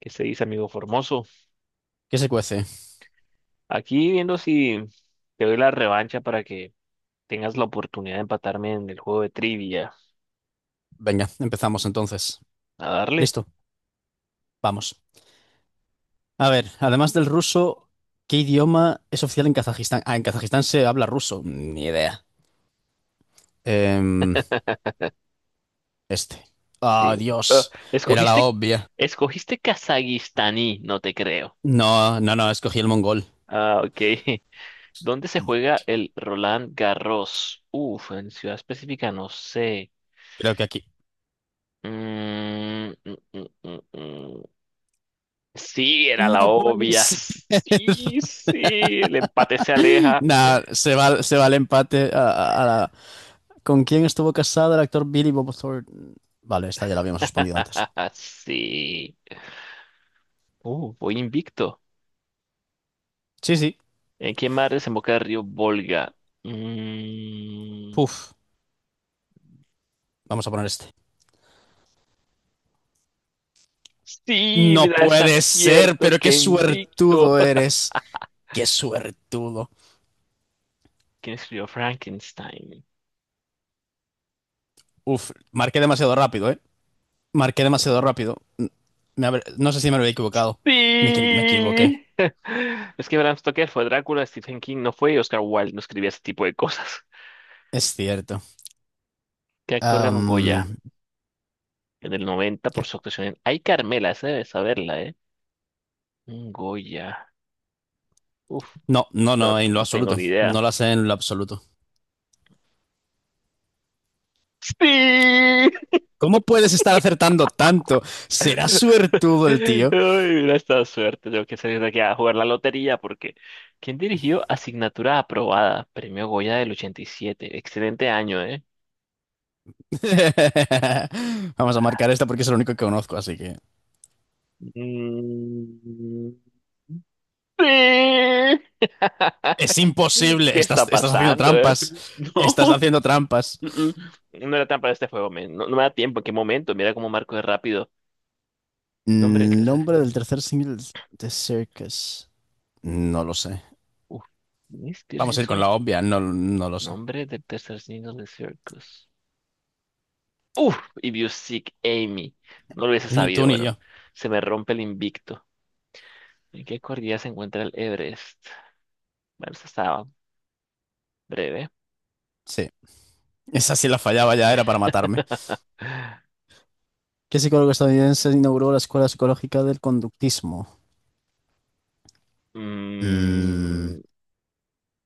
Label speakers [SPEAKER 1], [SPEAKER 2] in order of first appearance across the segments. [SPEAKER 1] ¿Qué se dice, amigo Formoso?
[SPEAKER 2] ¿Qué se cuece?
[SPEAKER 1] Aquí viendo si te doy la revancha para que tengas la oportunidad de empatarme en el juego de trivia.
[SPEAKER 2] Venga, empezamos entonces.
[SPEAKER 1] A darle.
[SPEAKER 2] Listo, vamos. A ver, además del ruso, ¿qué idioma es oficial en Kazajistán? Ah, en Kazajistán se habla ruso. Ni idea. Em, este. Ah,
[SPEAKER 1] Sí.
[SPEAKER 2] Dios. Era la obvia.
[SPEAKER 1] Escogiste Kazajistaní, no te creo.
[SPEAKER 2] No, no, no, escogí el mongol.
[SPEAKER 1] Ah, ok. ¿Dónde se juega el Roland Garros? Uf, en ciudad específica no sé.
[SPEAKER 2] Creo que aquí.
[SPEAKER 1] Mm, mm, mm, mm, mm. Sí, era la
[SPEAKER 2] No puede
[SPEAKER 1] obvia.
[SPEAKER 2] ser.
[SPEAKER 1] Sí, sí, el empate se aleja.
[SPEAKER 2] Nah, se va el empate ¿Con quién estuvo casado el actor Billy Bob Thornton? Vale, esta ya la habíamos respondido antes.
[SPEAKER 1] Sí. Voy invicto.
[SPEAKER 2] Sí, sí.
[SPEAKER 1] ¿En qué mar desemboca el río Volga? Mm,
[SPEAKER 2] Puf. Vamos a poner este.
[SPEAKER 1] sí,
[SPEAKER 2] No
[SPEAKER 1] mira, es
[SPEAKER 2] puede ser,
[SPEAKER 1] acierto,
[SPEAKER 2] pero qué
[SPEAKER 1] que invicto.
[SPEAKER 2] suertudo eres. Qué suertudo.
[SPEAKER 1] ¿Quién escribió Frankenstein?
[SPEAKER 2] Uf, marqué demasiado rápido, ¿eh? Marqué
[SPEAKER 1] Ah,
[SPEAKER 2] demasiado rápido. No sé si me habría equivocado. Me equivoqué.
[SPEAKER 1] Sí. Es que Bram Stoker fue Drácula, Stephen King no fue y Oscar Wilde no escribía ese tipo de cosas.
[SPEAKER 2] Es cierto.
[SPEAKER 1] ¿Qué actor ganó un Goya
[SPEAKER 2] Am,
[SPEAKER 1] en el 90
[SPEAKER 2] ¿Qué?
[SPEAKER 1] por su actuación en Ay, Carmela? Esa debe saberla, ¿eh? Un Goya. Uf,
[SPEAKER 2] No, no,
[SPEAKER 1] esto
[SPEAKER 2] no, en lo
[SPEAKER 1] no tengo
[SPEAKER 2] absoluto.
[SPEAKER 1] ni idea.
[SPEAKER 2] No lo sé en lo absoluto.
[SPEAKER 1] Sí.
[SPEAKER 2] ¿Cómo puedes estar acertando tanto? Será suertudo el
[SPEAKER 1] Ay,
[SPEAKER 2] tío.
[SPEAKER 1] hubiera estado suerte. Tengo que salir de aquí a jugar la lotería porque ¿quién dirigió Asignatura aprobada? Premio Goya del 87. Excelente año, ¿eh?
[SPEAKER 2] Vamos a marcar esta porque es lo único que conozco, así que...
[SPEAKER 1] Mm, sí.
[SPEAKER 2] Es
[SPEAKER 1] ¿Qué,
[SPEAKER 2] imposible.
[SPEAKER 1] qué está
[SPEAKER 2] Estás haciendo
[SPEAKER 1] pasando, eh?
[SPEAKER 2] trampas. Estás
[SPEAKER 1] No.
[SPEAKER 2] haciendo trampas.
[SPEAKER 1] mm, No era tan para este juego, men. No, no me da tiempo. ¿En qué momento? Mira cómo marco de rápido. Nombre del tercer
[SPEAKER 2] Nombre del
[SPEAKER 1] signo.
[SPEAKER 2] tercer single de Circus. No lo sé.
[SPEAKER 1] Uf. ¿Quién es? ¿Pierce
[SPEAKER 2] Vamos a ir con
[SPEAKER 1] hizo?
[SPEAKER 2] la obvia, no, no lo sé.
[SPEAKER 1] Nombre del tercer signo de Circus. Uf, if you seek Amy. No lo hubiese
[SPEAKER 2] Ni tú
[SPEAKER 1] sabido,
[SPEAKER 2] ni
[SPEAKER 1] bueno.
[SPEAKER 2] yo.
[SPEAKER 1] Se me rompe el invicto. ¿En qué cordillera se encuentra el Everest? Bueno, eso estaba breve.
[SPEAKER 2] Sí. Esa sí la fallaba ya, era para matarme. ¿Qué psicólogo estadounidense inauguró la Escuela Psicológica del Conductismo? Mm,
[SPEAKER 1] Mm,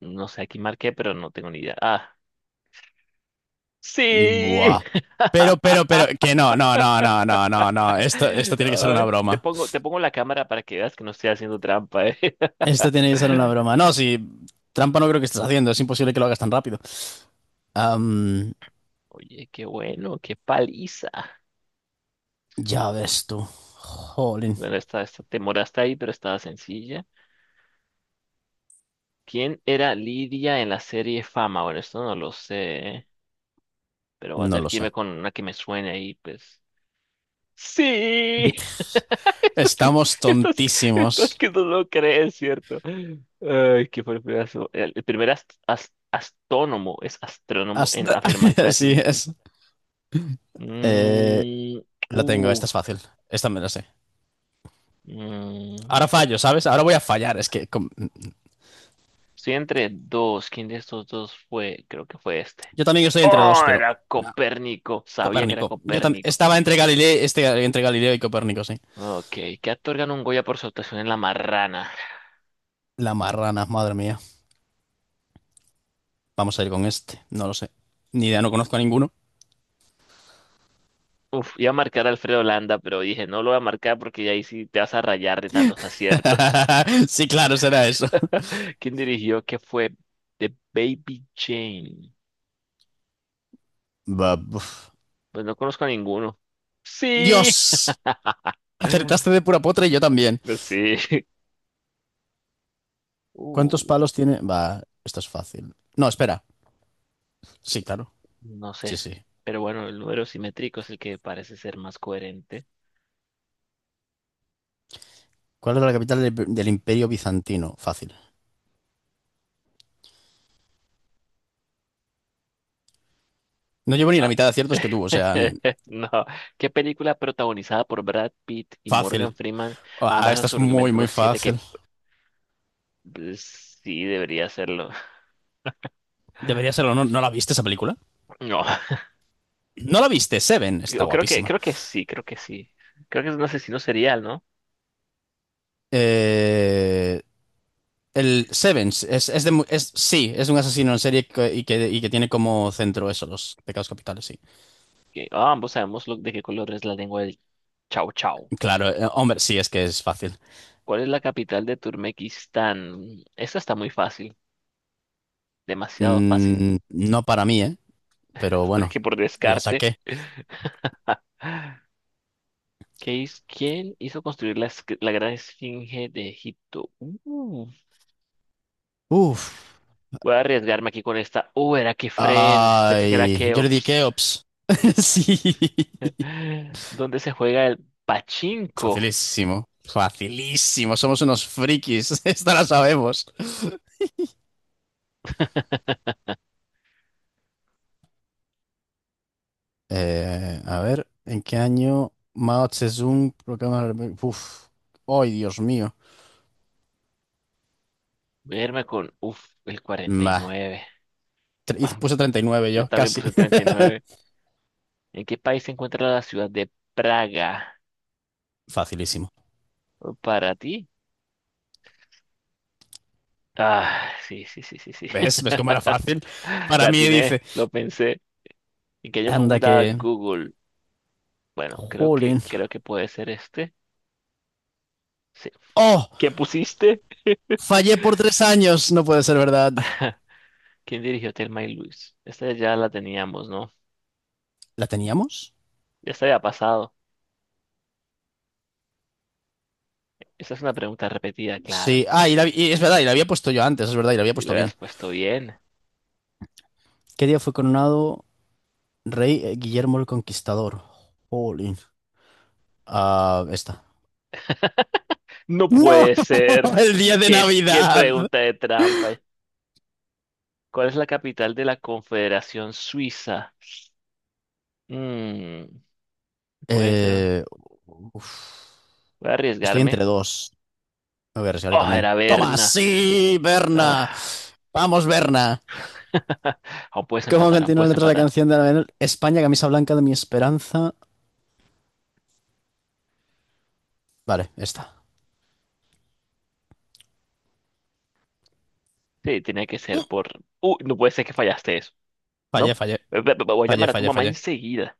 [SPEAKER 1] no sé, aquí marqué, pero no tengo ni idea. Sí.
[SPEAKER 2] buah. Pero que no, no, no, no, no, no, no. Esto tiene que ser una
[SPEAKER 1] Ay,
[SPEAKER 2] broma.
[SPEAKER 1] te pongo la cámara para que veas que no estoy haciendo trampa, ¿eh?
[SPEAKER 2] Esto tiene que ser una broma. No, si trampa no creo que estés haciendo, es imposible que lo hagas tan rápido. Am,
[SPEAKER 1] Oye, qué bueno, qué paliza.
[SPEAKER 2] ya ves tú. Jolín.
[SPEAKER 1] Bueno, esta te moraste ahí, pero estaba sencilla. ¿Quién era Lidia en la serie Fama? Bueno, esto no lo sé, ¿eh? Pero voy a
[SPEAKER 2] No
[SPEAKER 1] tener
[SPEAKER 2] lo
[SPEAKER 1] que
[SPEAKER 2] sé.
[SPEAKER 1] irme con una que me suene ahí, pues. ¡Sí!
[SPEAKER 2] Estamos
[SPEAKER 1] Estás, estás
[SPEAKER 2] tontísimos.
[SPEAKER 1] que no lo crees, ¿cierto? Ay, que fue el primer astrónomo, es astrónomo en
[SPEAKER 2] Hasta...
[SPEAKER 1] afirmar que la
[SPEAKER 2] sí,
[SPEAKER 1] Tierra-
[SPEAKER 2] es. Eh,
[SPEAKER 1] Mm,
[SPEAKER 2] la tengo, esta es
[SPEAKER 1] uf,
[SPEAKER 2] fácil. Esta me la sé.
[SPEAKER 1] mm,
[SPEAKER 2] Ahora fallo, ¿sabes? Ahora voy a fallar.
[SPEAKER 1] estoy entre dos. ¿Quién de estos dos fue? Creo que fue este.
[SPEAKER 2] Yo también estoy entre dos,
[SPEAKER 1] ¡Oh!
[SPEAKER 2] pero.
[SPEAKER 1] Era
[SPEAKER 2] No.
[SPEAKER 1] Copérnico. Sabía que era
[SPEAKER 2] Copérnico.
[SPEAKER 1] Copérnico.
[SPEAKER 2] Estaba entre Galileo, este, entre Galileo y Copérnico, sí.
[SPEAKER 1] Ok, ¿qué actor ganó un Goya por su actuación en La Marrana?
[SPEAKER 2] La marrana, madre mía. Vamos a ir con este. No lo sé. Ni idea, no conozco a ninguno.
[SPEAKER 1] Uf, iba a marcar a Alfredo Landa, pero dije, no lo voy a marcar porque ya ahí sí te vas a rayar de tantos aciertos.
[SPEAKER 2] sí, claro, será eso.
[SPEAKER 1] ¿Quién dirigió? ¿Qué fue? The Baby Jane.
[SPEAKER 2] Va, uf.
[SPEAKER 1] Pues no conozco a ninguno. Sí.
[SPEAKER 2] Dios. Acertaste de pura potra y yo también.
[SPEAKER 1] Pues sí. Uh,
[SPEAKER 2] ¿Cuántos palos tiene? Va, esto es fácil. No, espera. Sí, claro.
[SPEAKER 1] no
[SPEAKER 2] Sí,
[SPEAKER 1] sé.
[SPEAKER 2] sí.
[SPEAKER 1] Pero bueno, el número simétrico es el que parece ser más coherente.
[SPEAKER 2] ¿Cuál era la capital del Imperio Bizantino? Fácil. No llevo ni la
[SPEAKER 1] Ah,
[SPEAKER 2] mitad de aciertos que tú, o sea,
[SPEAKER 1] No, ¿qué película protagonizada por Brad Pitt y
[SPEAKER 2] fácil.
[SPEAKER 1] Morgan Freeman
[SPEAKER 2] Ah,
[SPEAKER 1] basa
[SPEAKER 2] esta
[SPEAKER 1] su
[SPEAKER 2] es muy,
[SPEAKER 1] argumento
[SPEAKER 2] muy
[SPEAKER 1] los siete que
[SPEAKER 2] fácil.
[SPEAKER 1] pues, sí debería hacerlo?
[SPEAKER 2] Debería serlo. ¿No, no la viste esa película?
[SPEAKER 1] No,
[SPEAKER 2] No la viste, Seven. Está
[SPEAKER 1] yo creo que
[SPEAKER 2] guapísima.
[SPEAKER 1] creo que sí. Creo que es un asesino serial, ¿no?
[SPEAKER 2] Eh, el Seven es sí, es un asesino en serie que tiene como centro eso, los pecados capitales, sí.
[SPEAKER 1] Que ah, ambos sabemos lo- de qué color es la lengua del Chau Chau.
[SPEAKER 2] Claro, hombre, sí, es que es fácil.
[SPEAKER 1] ¿Cuál es la capital de Turkmenistán? Esta está muy fácil, demasiado fácil,
[SPEAKER 2] Mm, no para mí, ¿eh? Pero bueno,
[SPEAKER 1] porque por
[SPEAKER 2] la
[SPEAKER 1] descarte.
[SPEAKER 2] saqué.
[SPEAKER 1] ¿Quién hizo construir la gran esfinge de Egipto?
[SPEAKER 2] Uf.
[SPEAKER 1] Voy a arriesgarme aquí con esta. Era Kefren. Pensé que era
[SPEAKER 2] Ay, yo le Jordi
[SPEAKER 1] Keops.
[SPEAKER 2] Keops. Sí.
[SPEAKER 1] ¿Dónde se juega el pachinko?
[SPEAKER 2] Facilísimo. Facilísimo. Somos unos frikis. Esta la sabemos. A ver, ¿en qué año Mao Zedong proclama la República? Uf. Ay, Dios mío.
[SPEAKER 1] Voy a irme con, uf, el
[SPEAKER 2] Bah.
[SPEAKER 1] 49.
[SPEAKER 2] Puse 39
[SPEAKER 1] Yo
[SPEAKER 2] yo,
[SPEAKER 1] también
[SPEAKER 2] casi.
[SPEAKER 1] puse 39. ¿En qué país se encuentra la ciudad de Praga?
[SPEAKER 2] Facilísimo.
[SPEAKER 1] Oh, ¿para ti? Ah, sí, sí, sí, sí, sí.
[SPEAKER 2] ¿Ves? ¿Ves cómo era fácil?
[SPEAKER 1] La
[SPEAKER 2] Para mí
[SPEAKER 1] atiné,
[SPEAKER 2] dice.
[SPEAKER 1] lo pensé. ¿En qué año fue
[SPEAKER 2] Anda
[SPEAKER 1] fundada
[SPEAKER 2] que...
[SPEAKER 1] Google? Bueno,
[SPEAKER 2] Jolín.
[SPEAKER 1] creo que puede ser este. Sí.
[SPEAKER 2] ¡Oh!
[SPEAKER 1] ¿Qué pusiste?
[SPEAKER 2] Fallé por tres años. No puede ser verdad.
[SPEAKER 1] ¿Quién dirigió Thelma y Luis? Esta ya la teníamos, ¿no?
[SPEAKER 2] ¿La teníamos?
[SPEAKER 1] Ya se había pasado. Esta es una pregunta repetida, claro.
[SPEAKER 2] Sí, ah, y es verdad, y la había puesto yo antes, es verdad, y la había
[SPEAKER 1] Si
[SPEAKER 2] puesto
[SPEAKER 1] la habías
[SPEAKER 2] bien.
[SPEAKER 1] puesto bien.
[SPEAKER 2] ¿Qué día fue coronado rey Guillermo el Conquistador? Jolín. Ah, esta.
[SPEAKER 1] No
[SPEAKER 2] ¡No!
[SPEAKER 1] puede ser.
[SPEAKER 2] ¡El día de
[SPEAKER 1] ¿Qué
[SPEAKER 2] Navidad!
[SPEAKER 1] pregunta de trampa? ¿Cuál es la capital de la Confederación Suiza? Mm, puede ser. Un-
[SPEAKER 2] Eh, uf.
[SPEAKER 1] voy a
[SPEAKER 2] Estoy
[SPEAKER 1] arriesgarme.
[SPEAKER 2] entre dos. Me voy a arriesgar yo
[SPEAKER 1] Oh,
[SPEAKER 2] también.
[SPEAKER 1] era
[SPEAKER 2] ¡Toma!
[SPEAKER 1] Berna.
[SPEAKER 2] ¡Sí, Berna!
[SPEAKER 1] Ah.
[SPEAKER 2] ¡Vamos, Berna! ¿Cómo
[SPEAKER 1] Aún
[SPEAKER 2] continúa la
[SPEAKER 1] puedes
[SPEAKER 2] letra de la
[SPEAKER 1] empatar.
[SPEAKER 2] canción de la España, camisa blanca de mi esperanza? Vale, esta.
[SPEAKER 1] Sí, tenía que ser por... no puede ser que fallaste eso,
[SPEAKER 2] Fallé,
[SPEAKER 1] ¿no?
[SPEAKER 2] fallé,
[SPEAKER 1] Voy a
[SPEAKER 2] fallé,
[SPEAKER 1] llamar a tu
[SPEAKER 2] fallé,
[SPEAKER 1] mamá
[SPEAKER 2] fallé.
[SPEAKER 1] enseguida.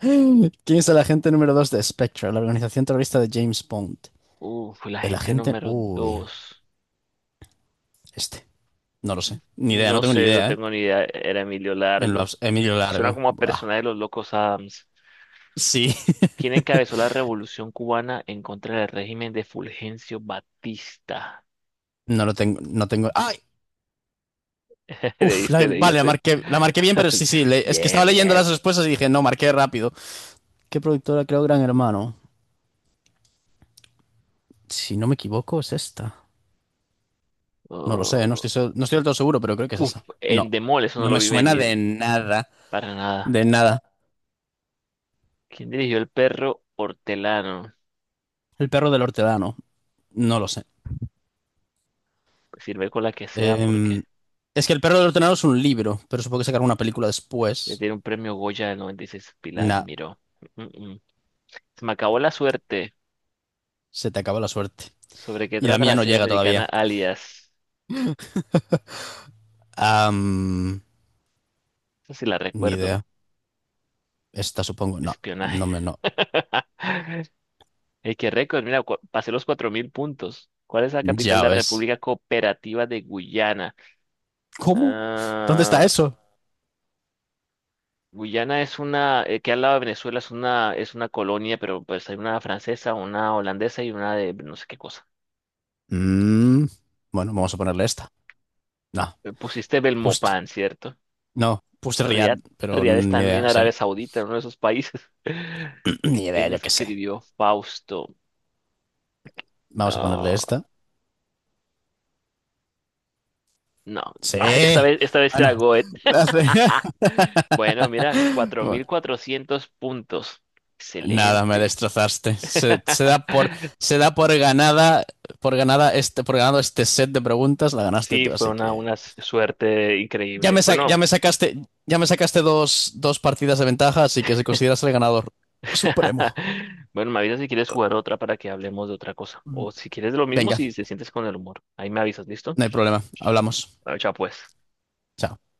[SPEAKER 2] ¿Quién es el agente número 2 de Spectre, la organización terrorista de James Bond?
[SPEAKER 1] Uf, la
[SPEAKER 2] El
[SPEAKER 1] gente
[SPEAKER 2] agente...
[SPEAKER 1] número
[SPEAKER 2] Uy,
[SPEAKER 1] dos.
[SPEAKER 2] este. No lo sé. Ni idea, no
[SPEAKER 1] No
[SPEAKER 2] tengo ni
[SPEAKER 1] sé, no
[SPEAKER 2] idea, ¿eh?
[SPEAKER 1] tengo ni idea. Era Emilio Largo.
[SPEAKER 2] Emilio
[SPEAKER 1] Suena
[SPEAKER 2] Largo.
[SPEAKER 1] como a
[SPEAKER 2] Buah.
[SPEAKER 1] persona de los Locos Adams.
[SPEAKER 2] Sí.
[SPEAKER 1] ¿Quién encabezó la revolución cubana en contra del régimen de Fulgencio Batista?
[SPEAKER 2] No lo tengo, no tengo... ¡Ay! Vale,
[SPEAKER 1] Leíste?
[SPEAKER 2] la marqué bien, pero es que estaba
[SPEAKER 1] Bien,
[SPEAKER 2] leyendo las
[SPEAKER 1] bien.
[SPEAKER 2] respuestas y dije, no, marqué rápido. ¿Qué productora creó Gran Hermano? Si no me equivoco, es esta. No lo sé, no
[SPEAKER 1] Oh,
[SPEAKER 2] estoy, se- No estoy del todo seguro, pero creo que es
[SPEAKER 1] uf,
[SPEAKER 2] esa.
[SPEAKER 1] en
[SPEAKER 2] No,
[SPEAKER 1] Endemol, eso no
[SPEAKER 2] no
[SPEAKER 1] lo
[SPEAKER 2] me
[SPEAKER 1] vi
[SPEAKER 2] suena
[SPEAKER 1] venir. Para nada.
[SPEAKER 2] de nada.
[SPEAKER 1] ¿Quién dirigió el perro hortelano?
[SPEAKER 2] El perro del hortelano, no lo sé.
[SPEAKER 1] Sirve con la que sea porque
[SPEAKER 2] Em, es que El perro del ordenador es un libro, pero supongo que sacar una película
[SPEAKER 1] le
[SPEAKER 2] después.
[SPEAKER 1] tiene un premio Goya del 96 Pilar
[SPEAKER 2] Nah,
[SPEAKER 1] Miró. Mm, mm. mm. Se me acabó la suerte.
[SPEAKER 2] se te acaba la suerte.
[SPEAKER 1] ¿Sobre qué
[SPEAKER 2] Y la
[SPEAKER 1] trata
[SPEAKER 2] mía
[SPEAKER 1] la
[SPEAKER 2] no
[SPEAKER 1] serie
[SPEAKER 2] llega
[SPEAKER 1] americana
[SPEAKER 2] todavía.
[SPEAKER 1] Alias?
[SPEAKER 2] Am,
[SPEAKER 1] Esa sí la
[SPEAKER 2] ni
[SPEAKER 1] recuerdo.
[SPEAKER 2] idea. Esta supongo. No,
[SPEAKER 1] Espionaje.
[SPEAKER 2] no me no.
[SPEAKER 1] Ey, qué récord. Mira, pasé los 4.000 puntos. ¿Cuál es la capital de
[SPEAKER 2] Ya
[SPEAKER 1] la
[SPEAKER 2] ves.
[SPEAKER 1] República Cooperativa de Guyana?
[SPEAKER 2] ¿Cómo? ¿Dónde está
[SPEAKER 1] Ah,
[SPEAKER 2] eso?
[SPEAKER 1] Guyana es una, que al lado de Venezuela es una colonia, pero pues hay una francesa, una holandesa y una de no sé qué cosa.
[SPEAKER 2] Mm, bueno, vamos a ponerle esta. No,
[SPEAKER 1] Pusiste
[SPEAKER 2] justo.
[SPEAKER 1] Belmopan, ¿cierto?
[SPEAKER 2] No, puse Riad,
[SPEAKER 1] Riad.
[SPEAKER 2] pero
[SPEAKER 1] Riad está
[SPEAKER 2] ni
[SPEAKER 1] en
[SPEAKER 2] idea, sí.
[SPEAKER 1] Arabia Saudita, en uno de esos países.
[SPEAKER 2] Ni idea,
[SPEAKER 1] ¿Quién
[SPEAKER 2] yo qué sé.
[SPEAKER 1] escribió Fausto?
[SPEAKER 2] Vamos a ponerle
[SPEAKER 1] Ah,
[SPEAKER 2] esta.
[SPEAKER 1] No,
[SPEAKER 2] Sí.
[SPEAKER 1] ah, esta vez era
[SPEAKER 2] Bueno,
[SPEAKER 1] Goethe.
[SPEAKER 2] la hace-
[SPEAKER 1] Bueno, mira, cuatro mil
[SPEAKER 2] Bueno.
[SPEAKER 1] cuatrocientos puntos.
[SPEAKER 2] Nada, me
[SPEAKER 1] Excelente.
[SPEAKER 2] destrozaste. Se da por ganada, por ganado este set de preguntas, la ganaste
[SPEAKER 1] Sí,
[SPEAKER 2] tú,
[SPEAKER 1] fue
[SPEAKER 2] así que
[SPEAKER 1] una suerte
[SPEAKER 2] ya
[SPEAKER 1] increíble.
[SPEAKER 2] me, sa- ya
[SPEAKER 1] Bueno,
[SPEAKER 2] me sacaste, ya me sacaste dos, dos partidas de ventaja, así que se consideras el ganador supremo.
[SPEAKER 1] bueno, me avisas si quieres jugar otra para que hablemos de otra cosa. O si quieres lo mismo,
[SPEAKER 2] Venga,
[SPEAKER 1] si te sientes con el humor. Ahí me avisas, ¿listo?
[SPEAKER 2] no hay problema, hablamos.
[SPEAKER 1] Chao, pues.
[SPEAKER 2] Chao.